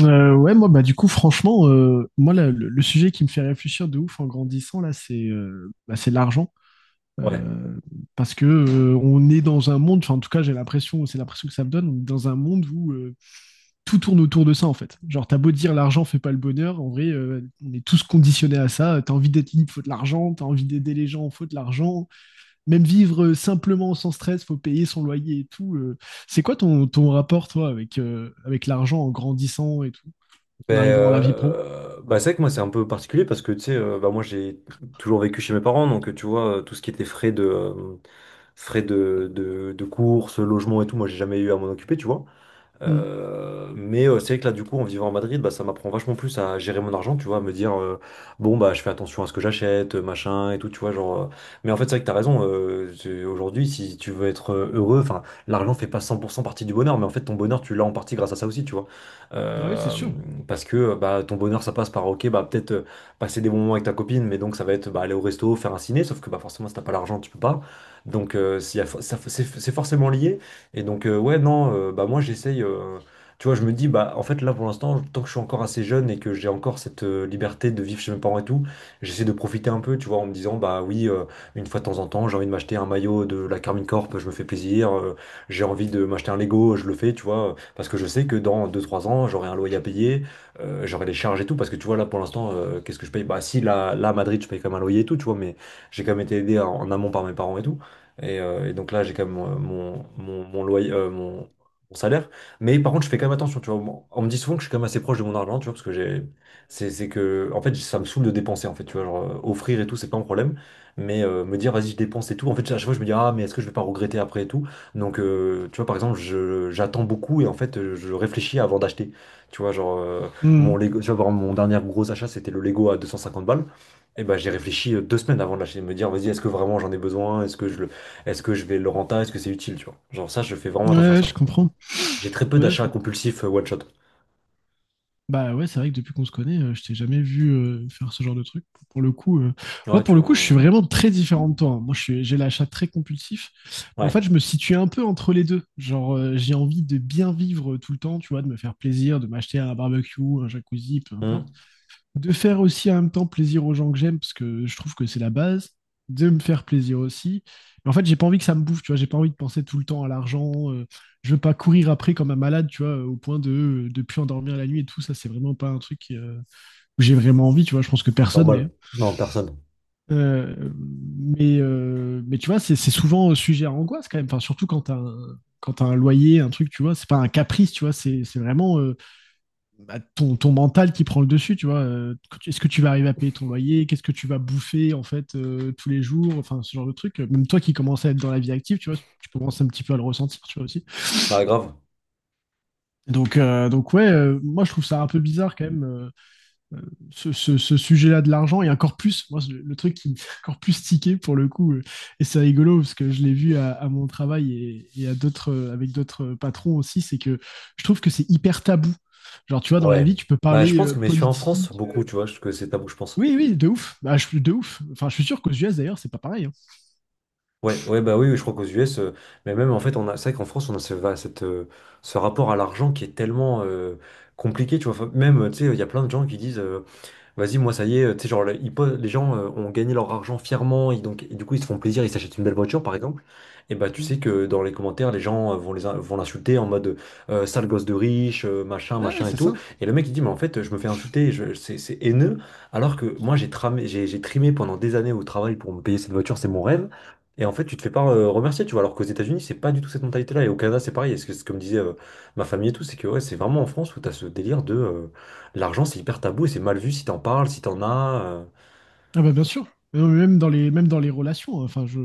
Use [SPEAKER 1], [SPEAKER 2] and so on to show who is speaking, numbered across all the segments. [SPEAKER 1] Ouais, moi, bah, du coup, franchement, moi, le sujet qui me fait réfléchir de ouf en grandissant, là, c'est l'argent.
[SPEAKER 2] Ouais.
[SPEAKER 1] Euh, parce que on est dans un monde, enfin, en tout cas, j'ai l'impression, c'est l'impression que ça me donne, on est dans un monde où tout tourne autour de ça, en fait. Genre, t'as beau dire l'argent fait pas le bonheur, en vrai, on est tous conditionnés à ça. T'as envie d'être libre, faut de l'argent. T'as envie d'aider les gens, faut de l'argent. Même vivre simplement sans stress, faut payer son loyer et tout. C'est quoi ton rapport, toi, avec, avec l'argent en grandissant et tout?
[SPEAKER 2] Ben,
[SPEAKER 1] En arrivant dans la vie pro.
[SPEAKER 2] bah, c'est vrai que moi c'est un peu particulier parce que tu sais, bah, moi j'ai toujours vécu chez mes parents, donc tu vois, tout ce qui était frais de courses, logement et tout, moi j'ai jamais eu à m'en occuper, tu vois.
[SPEAKER 1] Mm.
[SPEAKER 2] Mais c'est vrai que là, du coup, en vivant à Madrid, bah, ça m'apprend vachement plus à gérer mon argent, tu vois, à me dire, bon, bah, je fais attention à ce que j'achète, machin, et tout, tu vois, genre, mais en fait, c'est vrai que t'as raison, aujourd'hui, si tu veux être heureux, enfin, l'argent fait pas 100% partie du bonheur, mais en fait, ton bonheur, tu l'as en partie grâce à ça aussi, tu vois.
[SPEAKER 1] Ah oui, c'est
[SPEAKER 2] Euh,
[SPEAKER 1] sûr.
[SPEAKER 2] Parce que, bah, ton bonheur, ça passe par, ok, bah, peut-être passer des bons moments avec ta copine, mais donc, ça va être, bah, aller au resto, faire un ciné, sauf que, bah, forcément, si t'as pas l'argent, tu peux pas. Donc, s'il y a fo- ça- c'est forcément lié. Et donc, ouais, non, bah moi j'essaye. Tu vois, je me dis, bah en fait, là pour l'instant, tant que je suis encore assez jeune et que j'ai encore cette liberté de vivre chez mes parents et tout, j'essaie de profiter un peu, tu vois, en me disant, bah oui, une fois de temps en temps, j'ai envie de m'acheter un maillot de la Carmine Corp, je me fais plaisir. J'ai envie de m'acheter un Lego, je le fais, tu vois, parce que je sais que dans deux trois ans, j'aurai un loyer à payer, j'aurai des charges et tout, parce que tu vois, là pour l'instant, qu'est-ce que je paye? Bah si, là, à Madrid, je paye quand même un loyer et tout, tu vois, mais j'ai quand même été aidé en amont par mes parents et tout. Et donc là, j'ai quand même mon loyer, mon salaire. Mais par contre, je fais quand même attention, tu vois. On me dit souvent que je suis quand même assez proche de mon argent, tu vois, parce que j'ai, c'est que, en fait, ça me saoule de dépenser, en fait, tu vois, genre, offrir et tout, c'est pas un problème. Mais me dire, vas-y, je dépense et tout, en fait, à chaque fois, je me dis, ah, mais est-ce que je vais pas regretter après et tout? Donc, tu vois, par exemple, j'attends beaucoup et en fait, je réfléchis avant d'acheter. Tu vois, genre,
[SPEAKER 1] Mm.
[SPEAKER 2] mon Lego, tu vois, par exemple, mon dernier gros achat, c'était le Lego à 250 balles. Et ben, j'ai réfléchi 2 semaines avant de l'acheter, de me dire, vas-y, est-ce que vraiment j'en ai besoin? Est-ce que je vais le rentabiliser? Est-ce que c'est utile, tu vois? Genre ça, je fais vraiment
[SPEAKER 1] Ouais,
[SPEAKER 2] attention à
[SPEAKER 1] ouais, je
[SPEAKER 2] ça.
[SPEAKER 1] comprends.
[SPEAKER 2] J'ai très peu
[SPEAKER 1] Ouais, je
[SPEAKER 2] d'achats
[SPEAKER 1] comprends.
[SPEAKER 2] compulsifs one shot.
[SPEAKER 1] Bah ouais, c'est vrai que depuis qu'on se connaît, je t'ai jamais vu faire ce genre de truc. Pour le coup,
[SPEAKER 2] Ouais,
[SPEAKER 1] moi, pour
[SPEAKER 2] tu
[SPEAKER 1] le coup, je suis
[SPEAKER 2] vois.
[SPEAKER 1] vraiment très différent de toi, hein. Moi, j'ai l'achat très compulsif. Mais en
[SPEAKER 2] Ouais.
[SPEAKER 1] fait, je me situe un peu entre les deux. Genre, j'ai envie de bien vivre tout le temps, tu vois, de me faire plaisir, de m'acheter un barbecue, un jacuzzi, peu importe.
[SPEAKER 2] Hmm.
[SPEAKER 1] De faire aussi en même temps plaisir aux gens que j'aime, parce que je trouve que c'est la base, de me faire plaisir aussi. Mais en fait, j'ai pas envie que ça me bouffe, tu vois, j'ai pas envie de penser tout le temps à l'argent. Je veux pas courir après comme un malade, tu vois, au point de plus endormir la nuit et tout. Ça, c'est vraiment pas un truc où j'ai vraiment envie, tu vois. Je pense que personne
[SPEAKER 2] Normal.
[SPEAKER 1] d'ailleurs.
[SPEAKER 2] Non, personne.
[SPEAKER 1] Euh, mais tu vois, c'est souvent sujet à angoisse quand même. Enfin, surtout quand t'as un loyer, un truc, tu vois, c'est pas un caprice, tu vois, c'est vraiment. Bah, ton mental qui prend le dessus, tu vois. Est-ce que tu vas arriver à payer ton loyer? Qu'est-ce que tu vas bouffer, en fait, tous les jours? Enfin, ce genre de truc. Même toi qui commences à être dans la vie active, tu vois, tu commences un petit peu à le ressentir, tu vois, aussi.
[SPEAKER 2] Bah grave.
[SPEAKER 1] Donc, donc ouais, moi, je trouve ça un peu bizarre, quand même, ce sujet-là de l'argent. Et encore plus, moi, le truc qui me fait encore plus tiquer, pour le coup, et c'est rigolo, parce que je l'ai vu à mon travail et à d'autres, avec d'autres patrons aussi, c'est que je trouve que c'est hyper tabou. Genre, tu vois, dans la vie,
[SPEAKER 2] Ouais.
[SPEAKER 1] tu peux
[SPEAKER 2] Bah je
[SPEAKER 1] parler
[SPEAKER 2] pense que mais je suis en France
[SPEAKER 1] politique.
[SPEAKER 2] beaucoup, tu vois, que c'est tabou, je pense.
[SPEAKER 1] Oui, oui, de ouf. Bah, je suis de ouf. Enfin, je suis sûr qu'aux US d'ailleurs, c'est pas pareil, hein.
[SPEAKER 2] Ouais, ouais, bah oui, oui, je crois qu'aux US, mais même en fait, on a, c'est vrai qu'en France, on a ce rapport à l'argent qui est tellement compliqué, tu vois. Enfin, même, tu sais, il y a plein de gens qui disent. Vas-y, moi, ça y est, tu sais, genre, les gens ont gagné leur argent fièrement, et donc, et du coup, ils se font plaisir, ils s'achètent une belle voiture, par exemple. Et bah, tu
[SPEAKER 1] Mm.
[SPEAKER 2] sais que dans les commentaires, les gens vont vont l'insulter en mode sale gosse de riche, machin,
[SPEAKER 1] Ouais,
[SPEAKER 2] machin et
[SPEAKER 1] c'est
[SPEAKER 2] tout.
[SPEAKER 1] ça.
[SPEAKER 2] Et le mec, il dit, mais en fait, je me fais insulter, c'est haineux, alors que moi, j'ai tramé, j'ai trimé pendant des années au travail pour me payer cette voiture, c'est mon rêve. Et en fait, tu te fais pas remercier, tu vois, alors qu'aux États-Unis, c'est pas du tout cette mentalité-là. Et au Canada, c'est pareil. Et c'est ce que me disait ma famille et tout, c'est que ouais, c'est vraiment en France où t'as ce délire de. L'argent, c'est hyper tabou et c'est mal vu si t'en parles, si t'en as.
[SPEAKER 1] Ah bah bien sûr. Mais même dans les relations, hein. Enfin,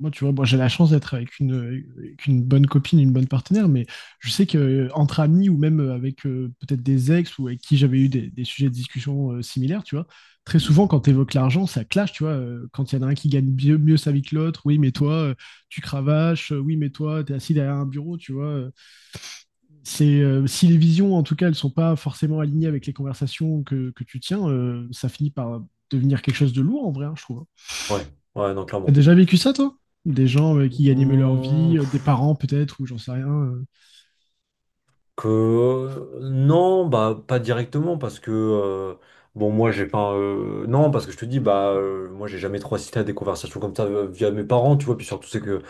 [SPEAKER 1] moi, tu vois, moi, j'ai la chance d'être avec une bonne copine, une bonne partenaire, mais je sais que entre amis ou même avec peut-être des ex ou avec qui j'avais eu des sujets de discussion similaires, tu vois, très souvent quand tu évoques l'argent, ça clash, tu vois. Quand il y en a un qui gagne mieux sa vie que l'autre, oui, mais toi, tu cravaches, oui, mais toi, t'es assis derrière un bureau, tu vois. C'est si les visions, en tout cas, elles sont pas forcément alignées avec les conversations que tu tiens, ça finit par devenir quelque chose de lourd en vrai, hein, je trouve.
[SPEAKER 2] Ouais, ouais, non,
[SPEAKER 1] T'as
[SPEAKER 2] clairement.
[SPEAKER 1] déjà vécu ça, toi? Des gens qui gagnaient mieux leur
[SPEAKER 2] Mmh,
[SPEAKER 1] vie, des
[SPEAKER 2] pff,
[SPEAKER 1] parents peut-être, ou j'en sais rien.
[SPEAKER 2] Que non, bah pas directement parce que bon moi j'ai pas non parce que je te dis bah moi j'ai jamais trop assisté à des conversations comme ça via mes parents tu vois puis surtout c'est que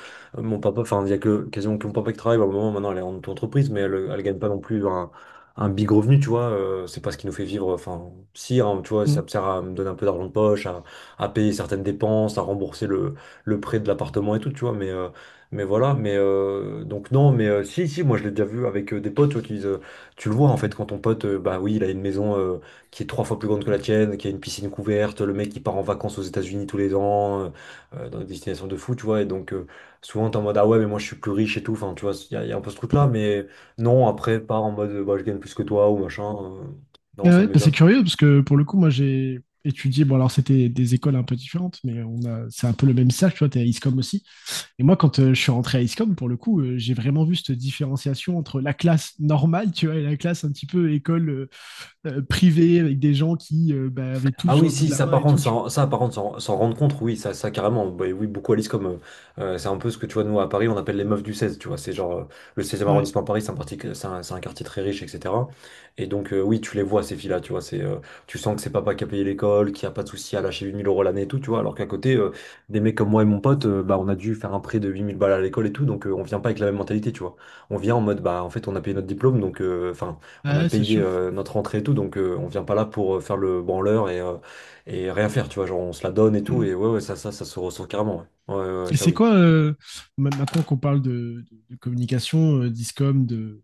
[SPEAKER 2] mon papa enfin il y a que quasiment que mon papa qui travaille bah, au moment maintenant elle est en auto-entreprise mais elle gagne pas non plus un big revenu tu vois. C'est pas ce qui nous fait vivre enfin si hein, tu vois ça
[SPEAKER 1] Mm.
[SPEAKER 2] me sert à me donner un peu d'argent de poche à payer certaines dépenses à rembourser le prêt de l'appartement et tout tu vois mais mais voilà, mais donc non, mais si, moi je l'ai déjà vu avec des potes, tu vois, qui disent, tu le vois en fait, quand ton pote, bah oui, il a une maison qui est 3 fois plus grande que la tienne, qui a une piscine couverte, le mec il part en vacances aux États-Unis tous les ans, dans des destinations de fou, tu vois, et donc souvent t'es en mode, ah ouais, mais moi je suis plus riche et tout, enfin, tu vois, il y a un peu ce truc-là, mais non, après, pas en mode, bah je gagne plus que toi ou machin,
[SPEAKER 1] Et
[SPEAKER 2] non, ça
[SPEAKER 1] ouais,
[SPEAKER 2] me met
[SPEAKER 1] bah, c'est
[SPEAKER 2] jamais.
[SPEAKER 1] curieux parce que pour le coup, moi j'ai étudié, bon alors c'était des écoles un peu différentes, mais on a, c'est un peu le même stage, tu vois, t'es à ISCOM aussi. Et moi, quand je suis rentré à ISCOM, pour le coup, j'ai vraiment vu cette différenciation entre la classe normale, tu vois, et la classe un petit peu école privée avec des gens qui bah, avaient tout
[SPEAKER 2] Ah
[SPEAKER 1] sur
[SPEAKER 2] oui,
[SPEAKER 1] le bout de
[SPEAKER 2] si,
[SPEAKER 1] la main et tout, tu
[SPEAKER 2] ça, par contre, s'en rendre compte, oui, ça carrément, bah, oui, beaucoup à l'IS comme, c'est un peu ce que tu vois, nous, à Paris, on appelle les meufs du 16, tu vois, c'est genre, le 16e
[SPEAKER 1] vois. Ouais,
[SPEAKER 2] arrondissement à Paris, c'est un, parti- c'est un quartier très riche, etc. Et donc, oui, tu les vois, ces filles-là, tu vois, c'est, tu sens que c'est papa qui a payé l'école, qui a pas de souci à lâcher 8000 € l'année et tout, tu vois, alors qu'à côté, des mecs comme moi et mon pote, bah, on a dû faire un prêt de 8000 balles à l'école et tout, donc, on vient pas avec la même mentalité, tu vois. On vient en mode, bah, en fait, on a payé notre diplôme, donc, enfin, on a
[SPEAKER 1] ouais, c'est
[SPEAKER 2] payé
[SPEAKER 1] sûr.
[SPEAKER 2] euh, notre entrée et tout, donc, on vient pas là pour faire le branleur et et rien faire, tu vois, genre on se la donne et tout,
[SPEAKER 1] Mm.
[SPEAKER 2] et ouais, ouais, ça se ressent carrément, ouais, ouais, ouais, ouais,
[SPEAKER 1] Et
[SPEAKER 2] ça
[SPEAKER 1] c'est
[SPEAKER 2] oui.
[SPEAKER 1] quoi, maintenant qu'on parle de communication, d'ISCOM, de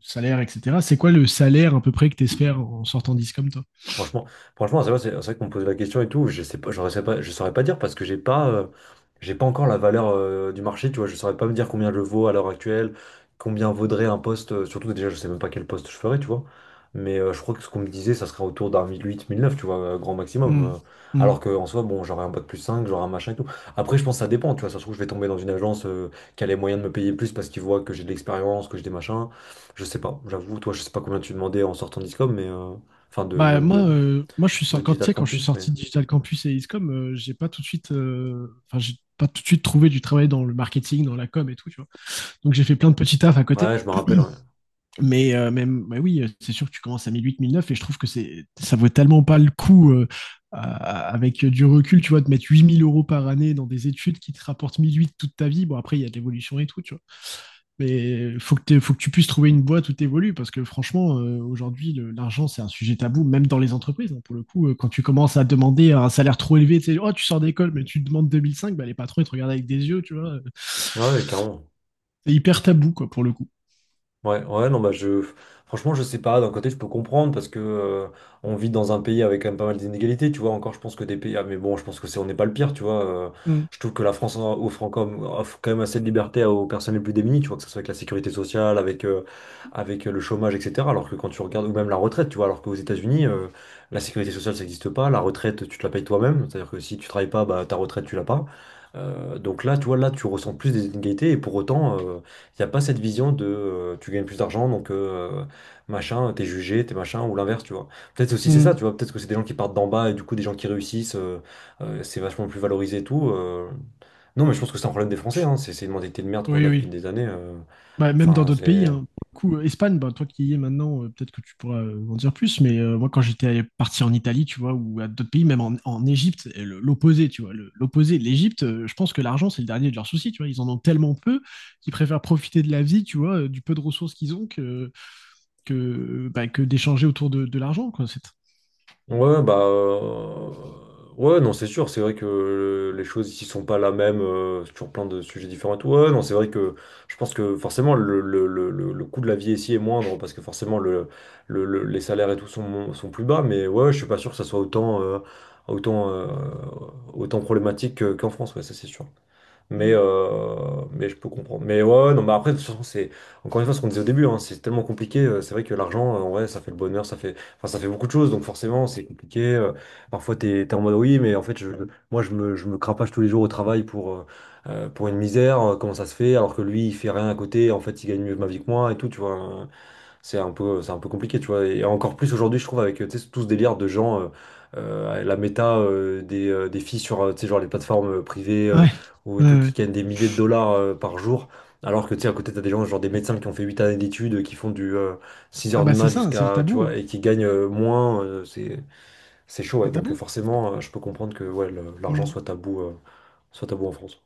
[SPEAKER 1] salaire, etc., c'est quoi le salaire à peu près que tu espères en sortant d'ISCOM, toi?
[SPEAKER 2] Franchement, franchement, c'est vrai, c'est vrai qu'on me pose la question et tout. Je sais pas, je saurais pas dire parce que j'ai pas encore la valeur du marché. Tu vois, je saurais pas me dire combien je vaux à l'heure actuelle, combien vaudrait un poste. Surtout déjà, je sais même pas quel poste je ferais, tu vois. Mais je crois que ce qu'on me disait, ça serait autour d'un mille huit, mille neuf, tu vois, grand maximum.
[SPEAKER 1] Mm.
[SPEAKER 2] euh, Alors
[SPEAKER 1] Mm.
[SPEAKER 2] que en soi, bon, j'aurais un bac+5, j'aurais un machin et tout. Après, je pense que ça dépend, tu vois. Ça se trouve, je vais tomber dans une agence qui a les moyens de me payer plus parce qu'ils voient que j'ai de l'expérience, que j'ai des machins. Je sais pas, j'avoue. Toi, je sais pas combien tu demandais en sortant d'ISCOM, mais. Enfin, de,
[SPEAKER 1] Bah,
[SPEAKER 2] même
[SPEAKER 1] moi,
[SPEAKER 2] de,
[SPEAKER 1] moi je
[SPEAKER 2] de
[SPEAKER 1] quand, tu
[SPEAKER 2] Digital
[SPEAKER 1] sais, quand je suis
[SPEAKER 2] Campus, mais.
[SPEAKER 1] sorti de Digital Campus et ISCOM, j'ai pas tout de suite, enfin, j'ai pas tout de suite trouvé du travail dans le marketing, dans la com et tout, tu vois. Donc j'ai fait plein de petits tafs à côté.
[SPEAKER 2] Ouais, je me rappelle, ouais.
[SPEAKER 1] Mais oui, c'est sûr que tu commences à 1008, 1009 et je trouve que ça vaut tellement pas le coup avec du recul, tu vois, de mettre 8 000 € par année dans des études qui te rapportent 1008 toute ta vie. Bon, après, il y a de l'évolution et tout, tu vois. Mais faut que tu puisses trouver une boîte où t'évolues parce que franchement, aujourd'hui, l'argent, c'est un sujet tabou, même dans les entreprises, hein. Pour le coup, quand tu commences à demander un salaire trop élevé, tu sais, oh, tu sors d'école, mais tu demandes 2005, bah, les patrons, ils te regardent avec des yeux, tu vois.
[SPEAKER 2] Ouais, ouais, carrément.
[SPEAKER 1] C'est hyper tabou, quoi, pour le coup.
[SPEAKER 2] Ouais, ouais, non, bah je. Franchement, je sais pas. D'un côté, je peux comprendre parce que on vit dans un pays avec quand même pas mal d'inégalités, tu vois. Encore, je pense que des pays. Ah, mais bon, je pense que c'est on n'est pas le pire, tu vois.
[SPEAKER 1] Mm.
[SPEAKER 2] Je trouve que la France offre quand même assez de liberté aux personnes les plus démunies, tu vois, que ce soit avec la sécurité sociale, avec, avec le chômage, etc. Alors que quand tu regardes, ou même la retraite, tu vois, alors qu'aux États-Unis, la sécurité sociale, ça n'existe pas. La retraite, tu te la payes toi-même. C'est-à-dire que si tu travailles pas, bah ta retraite, tu l'as pas. Donc là, tu vois, là, tu ressens plus des inégalités et pour autant. Il n'y a pas cette vision de tu gagnes plus d'argent, donc machin, t'es jugé, t'es machin, ou l'inverse, tu vois. Peut-être aussi c'est ça,
[SPEAKER 1] Mm.
[SPEAKER 2] tu vois, peut-être que c'est des gens qui partent d'en bas et du coup des gens qui réussissent, c'est vachement plus valorisé et tout. Non, mais je pense que c'est un problème des Français, hein. C'est une mentalité de merde qu'on
[SPEAKER 1] Oui,
[SPEAKER 2] a depuis
[SPEAKER 1] oui.
[SPEAKER 2] des années.
[SPEAKER 1] Bah, même dans
[SPEAKER 2] Enfin,
[SPEAKER 1] d'autres pays,
[SPEAKER 2] c'est.
[SPEAKER 1] hein. Pour le coup, Espagne, bah, toi qui y es maintenant, peut-être que tu pourras en dire plus, mais moi quand j'étais parti en Italie, tu vois, ou à d'autres pays, même en Égypte, et l'opposé, tu vois, l'opposé, l'Égypte, je pense que l'argent, c'est le dernier de leurs soucis, tu vois, ils en ont tellement peu qu'ils préfèrent profiter de la vie, tu vois, du peu de ressources qu'ils ont que d'échanger autour de l'argent, quoi. C'est.
[SPEAKER 2] Ouais, bah. Ouais, non, c'est sûr. C'est vrai que les choses ici sont pas la même sur plein de sujets différents et tout. Ouais, non, c'est vrai que je pense que forcément le coût de la vie ici est moindre parce que forcément les salaires et tout sont plus bas. Mais ouais, je suis pas sûr que ça soit autant, euh, autant problématique qu'en France. Ouais, ça, c'est sûr. Mais,
[SPEAKER 1] Mm.
[SPEAKER 2] euh, mais je peux comprendre. Mais ouais, ouais, non, mais après, de toute façon, c'est encore une fois ce qu'on disait au début, hein, c'est tellement compliqué. C'est vrai que l'argent, en vrai, ça fait le bonheur, ça fait, enfin, ça fait beaucoup de choses, donc forcément, c'est compliqué. Parfois, t'es en mode oui, mais en fait, je me crapache tous les jours au travail pour une misère. Comment ça se fait? Alors que lui, il fait rien à côté, en fait, il gagne mieux ma vie que moi et tout, tu vois. Hein. C'est un peu compliqué, tu vois. Et encore plus aujourd'hui, je trouve, avec tu sais, tout ce délire de gens, la méta des filles sur tu sais, genre les plateformes privées
[SPEAKER 1] Ouais,
[SPEAKER 2] ou et
[SPEAKER 1] ouais,
[SPEAKER 2] tout, qui
[SPEAKER 1] ouais.
[SPEAKER 2] gagnent des milliers de dollars par jour. Alors que tu sais, à côté, t'as des gens, genre des médecins qui ont fait 8 années d'études, qui font du 6
[SPEAKER 1] Ah
[SPEAKER 2] heures du
[SPEAKER 1] bah c'est
[SPEAKER 2] mat
[SPEAKER 1] ça, c'est le
[SPEAKER 2] jusqu'à, tu
[SPEAKER 1] tabou,
[SPEAKER 2] vois,
[SPEAKER 1] hein.
[SPEAKER 2] et qui gagnent moins. C'est chaud, ouais.
[SPEAKER 1] C'est
[SPEAKER 2] Donc
[SPEAKER 1] tabou.
[SPEAKER 2] forcément, je peux comprendre que ouais, l'argent
[SPEAKER 1] Mmh.
[SPEAKER 2] soit tabou en France.